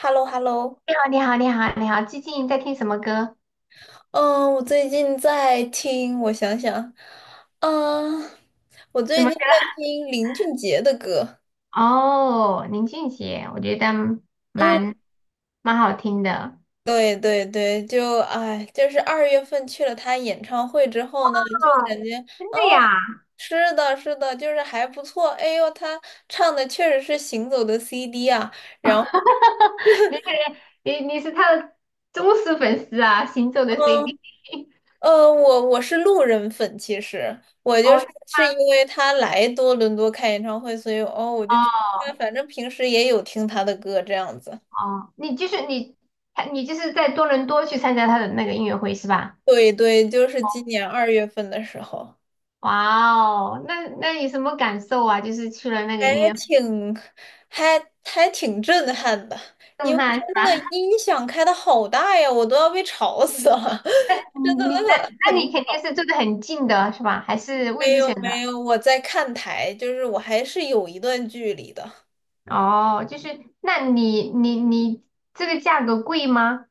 h e l l o h e l l o 你好，你好，你好，你好，最近在听什么歌？嗯，我最近在听，我想想，嗯，我什最么近歌？在听林俊杰的歌。哦，林俊杰，我觉得嗯，蛮蛮好听的。对对对，就哎，就是二月份去了他演唱会之后呢，就感觉真哦，的呀？是的，是的，就是还不错。哎呦，他唱的确实是行走的 CD 啊，然后。你是他的忠实粉丝啊，行走的 嗯 CD。我是路人粉，其实我就是哦是因为他来多伦多开演唱会，所以哦，我就去看哦反正平时也有听他的歌这样子。哦，你就是在多伦多去参加他的那个音乐会是吧？对对，就是今年二月份的时候，哇哦，那你什么感受啊？就是去了那个音还乐会，挺还挺震撼的，因震为撼他是那个吧？音响开的好大呀，我都要被吵死了。那 你那那你肯定是住的很近的是吧？还是位没置选有没的？有，我在看台，就是我还是有一段距离的。哦，就是那你你你这个价格贵吗？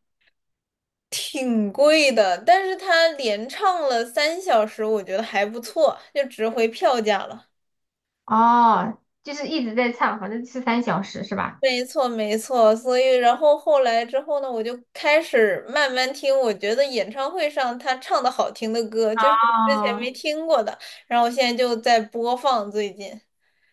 挺贵的，但是他连唱了3小时，我觉得还不错，就值回票价了。哦，就是一直在唱，反正是三小时是吧？没错，没错。所以，然后后来之后呢，我就开始慢慢听，我觉得演唱会上他唱的好听的歌，就是之前没哦，听过的，然后我现在就在播放最近。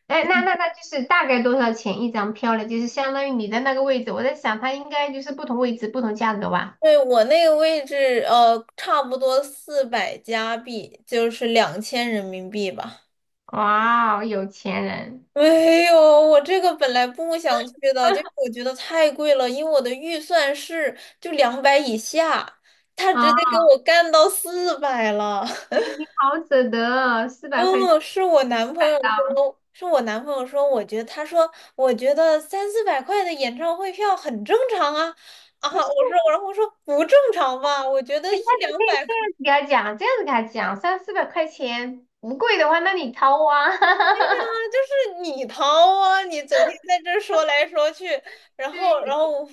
哎，那就是大概多少钱一张票呢？就是相当于你的那个位置，我在想它应该就是不同位置不同价格吧？对，我那个位置，差不多400加币，就是2000人民币吧。哇哦，有钱人 没有，我这个本来不想去的，就是我觉得太贵了，因为我的预算是就200以下，他直啊 接给我干到400了。你好舍得哦，四百块钱。嗯，是我男朋友说，是我男朋友说，我觉得他说，我觉得三四百块的演唱会票很正常啊。啊，我说，然后我说不正常吧，我觉得哎，一下次可两以百这样子给他讲，这样子给他讲，三四百块钱不贵的话，那你掏啊。就是你掏啊，你整天在这儿说来说去，然后，然对后我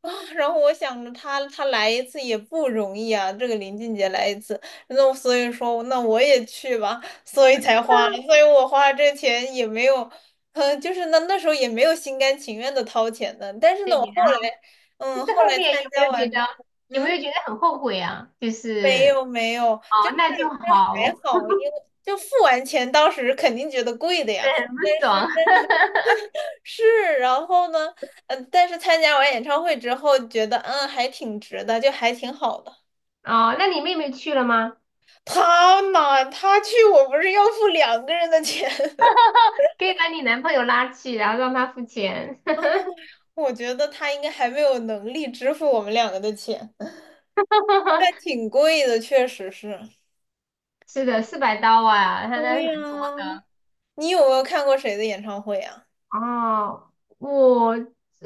啊，然后我想着他来一次也不容易啊，这个林俊杰来一次，那我所以说那我也去吧，所以才花了，所以我花这钱也没有，就是那时候也没有心甘情愿的掏钱的，但是对，呢，我后然来，后就是后后来面参加完之后，有没嗯。有觉得很后悔啊？就没是有没有，哦，就是那就这还好，好，因为就付完钱，当时肯定觉得贵的对，呀。很不但是。爽。是，然后呢，但是参加完演唱会之后，觉得还挺值的，就还挺好的。哦，那你妹妹去了吗？他嘛，他去我不是要付2个人的钱，可以把你男朋友拉去，然后让他付钱。哦，我觉得他应该还没有能力支付我们2个的钱，但 挺贵的，确实是。是的，四百刀啊，他那是对蛮多呀，你有没有看过谁的演唱会啊？哦，我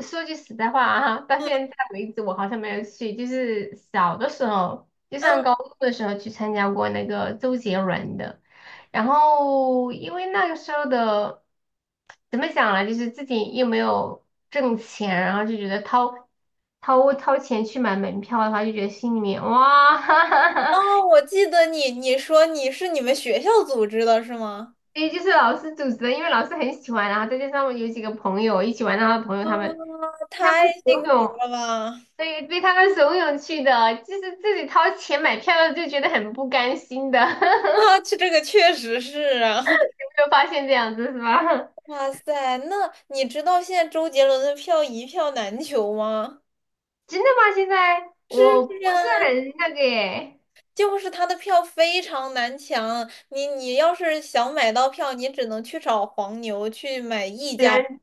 说句实在话啊，到嗯，现在为止我好像没有去，就是小的时候，就上嗯高中的时候去参加过那个周杰伦的，然后因为那个时候的怎么讲呢，就是自己又没有挣钱，然后就觉得掏钱去买门票的话，就觉得心里面哇，哈哈哦，哈。我记得你，你说你是你们学校组织的是吗？因为就是老师组织的，因为老师很喜欢，然后再加上有几个朋友一起玩，然后朋友啊，他们他太们游行泳。了吧！对，对他们怂恿去的，就是自己掏钱买票的就觉得很不甘心的。啊，这 有这个确实是啊。没有发现这样子是吧？哇塞，那你知道现在周杰伦的票一票难求吗？真的吗？现在我不是很那个耶，就是他的票非常难抢，你要是想买到票，你只能去找黄牛去买溢原价，来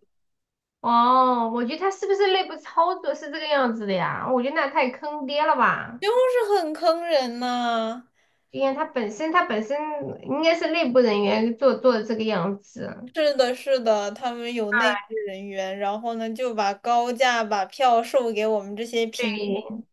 哦，我觉得他是不是内部操作是这个样子的呀？我觉得那太坑爹了吧！就是很坑人呐、因为他本身应该是内部人员做的这个样子，是的，是的，他们有内部人员，然后呢就把高价把票售给我们这些平对，民。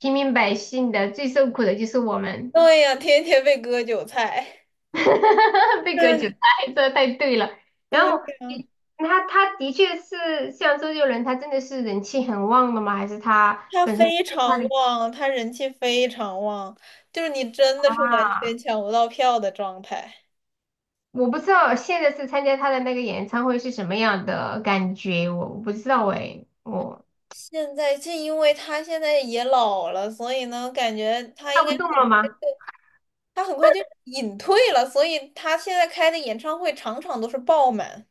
平民百姓的最受苦的就是我们。对呀，天天被割韭菜。哈哈哈！被隔绝了，这太对了。然后对。你他的确是像周杰伦，他真的是人气很旺的吗？还是他他本身非他常的旺，他人气非常旺，就是你真的是完全啊？抢不到票的状态。我不知道现在是参加他的那个演唱会是什么样的感觉，我不知道哎，我现在就因为他现在也老了，所以呢，感觉他跳应不该动了吗？他很快就隐退了，所以他现在开的演唱会场场都是爆满。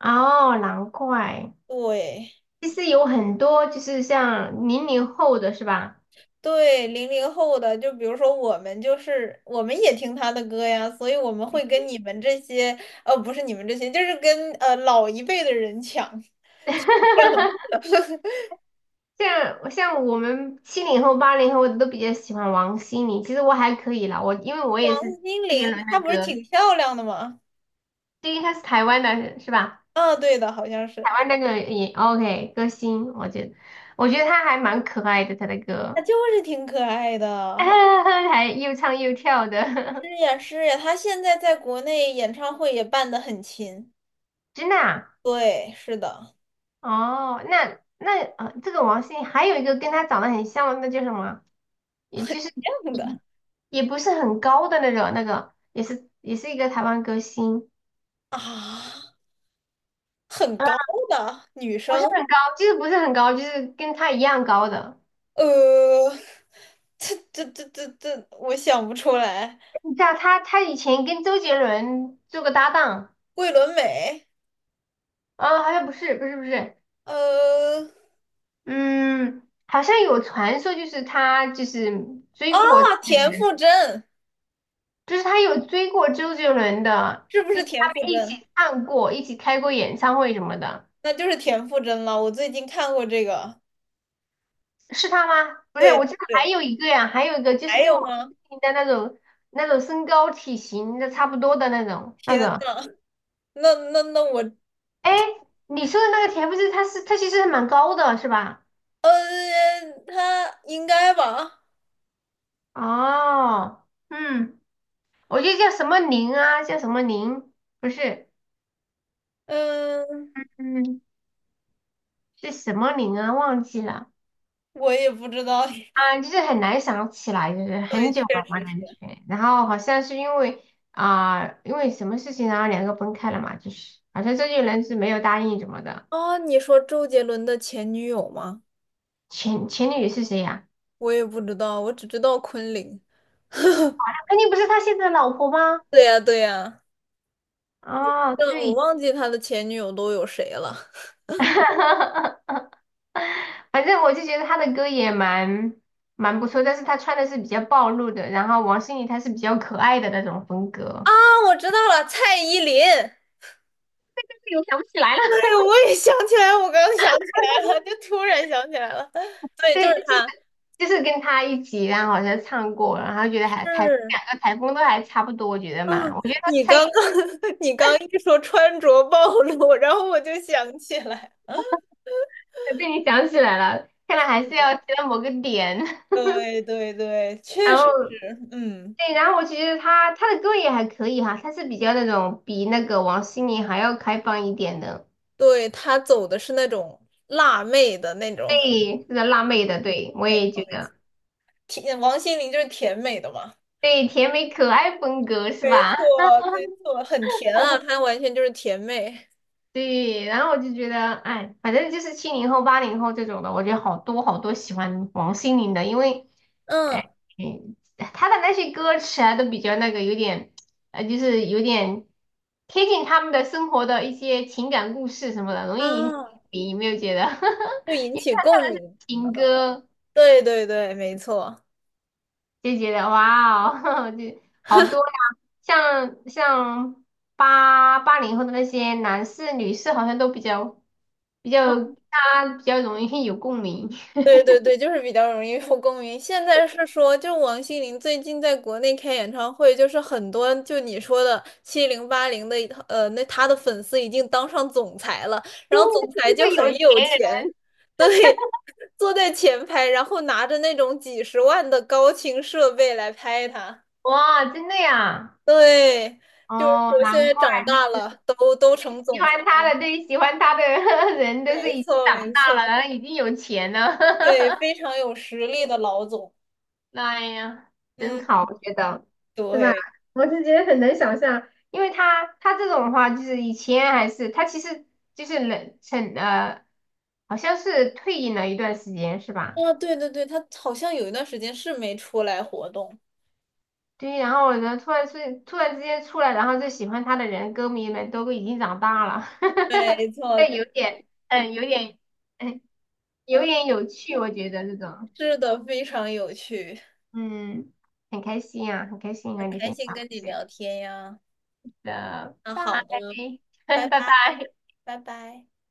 哦，难怪。对其实有很多就是像零零后的是吧？对，00后的，就比如说我们，就是我们也听他的歌呀，所以我们会跟你们这些，不是你们这些，就是跟老一辈的人抢。哈哈哈哈像我们七零后、八零后都比较喜欢王心凌，其实我还可以啦，我因为我王也是心周杰凌伦她的不是歌，挺漂亮的吗？因为他是台湾的，是吧？啊，对的，好像台是，湾那个也 OK 歌星，我觉得他还蛮可爱的，他的他歌 就是挺可爱的。还又唱又跳是的，呀，是呀，他现在在国内演唱会也办的很勤。真的啊？对，是的，哦，那呃，这个王心凌还有一个跟他长得很像的，那叫什么？也就是这样的也不是很高的那种，那个也是一个台湾歌星。啊，很高的女不是生，很高，就是不是很高，就是跟他一样高的。呃，这，我想不出来。你知道他以前跟周杰伦做过搭档，桂纶镁，啊，好像不是，呃，嗯，好像有传说就是他就是追过，啊，田馥甄，就是他有追过周杰伦的，是不就是是田他馥们一甄？起唱过，一起开过演唱会什么的，那就是田馥甄了。我最近看过这个，是他吗？不是，对我对记得还对，有一个呀，还有一个就是还跟有我们吗？的那种身高体型的差不多的那种那天个。呐，那我哎，你说的那个田不是，它是它其实是蛮高的，是吧？呃，他应该吧？哦，嗯，我记得叫什么林啊，叫什么林，不是，嗯，嗯，是什么林啊，忘记了我也不知道。啊，就是很难想起来，就是很对，久确了嘛实感觉。是。然后好像是因为啊、因为什么事情，然后两个分开了嘛，就是好像周杰伦是没有答应什么的。哦，你说周杰伦的前女友吗？前女友是谁呀、我也不知道，我只知道昆凌。肯定不是他现在的老婆吗？对呀，对呀，哦，真的我对。忘记他的前女友都有谁了。反正我就觉得他的歌也蛮不错，但是他穿的是比较暴露的，然后王心凌她是比较可爱的那种风格。啊，我知道了，蔡依林。这个我想不起来了。对，我也想起来，我刚刚想起来了，就突然想起来了。对，就对，就是是他。就是跟他一起，然后好像唱过，然后觉得还台两是。个台风都还差不多，我觉得嘛，嗯，我觉得他你差异刚刚 你刚一说穿着暴露，然后我就想起来。被你想起来了，看来还是要提到某个点。对对对，确然实后是，嗯，对，然后我就觉得他的歌也还可以哈，他是比较那种比那个王心凌还要开放一点的，对，他走的是那种辣妹的那种 对，是个辣妹的，对 我没也错，觉得。甜，王心凌就是甜美的嘛，对，甜美可爱风格是没吧？错，没 错，很甜啊，她完全就是甜妹，对，然后我就觉得，哎，反正就是七零后、八零后这种的，我觉得好多好多喜欢王心凌的，因为，哎，嗯，嗯她的那些歌词啊，都比较那个，有点，呃，就是有点贴近他们的生活的一些情感故事什么的，容易引起啊，共鸣，有没有觉得？就 引因为起她共唱的是鸣，情歌，对对对，没错。就觉得哇哦，这好多呀！像八零后的那些男士、女士，好像都比较大家比较容易有共鸣。对对对，就是比较容易受共鸣。现在是说，就王心凌最近在国内开演唱会，就是很多就你说的七零八零的，那她的粉丝已经当上总裁了，对，然后总裁就就是有很钱有人，钱，坐在前排，然后拿着那种几十万的高清设备来拍她。哇，真的呀！对，就是哦，说现难在怪长大了，都成喜总裁，欢他的，对，喜欢他的 人都没是已经错长没大了，错，然后已经有钱了。对，非常有实力的老总。哎呀，真好，嗯，我觉得，是吧？对。我是觉得很难想象，因为他这种的话，就是以前还是他其实就是冷成，好像是退隐了一段时间，是吧？啊，对对对，他好像有一段时间是没出来活动。对，然后呢，突然之间出来，然后就喜欢他的人，歌迷们都已经长大了，哈哈哈。没错，这对有点，嗯，有点，嗯，有点有趣，我觉得这种，是的，非常有趣，嗯，很开心啊，很开心和很你开分心享跟这你些。聊天呀。的，那拜 好的，拜拜拜，拜。拜拜。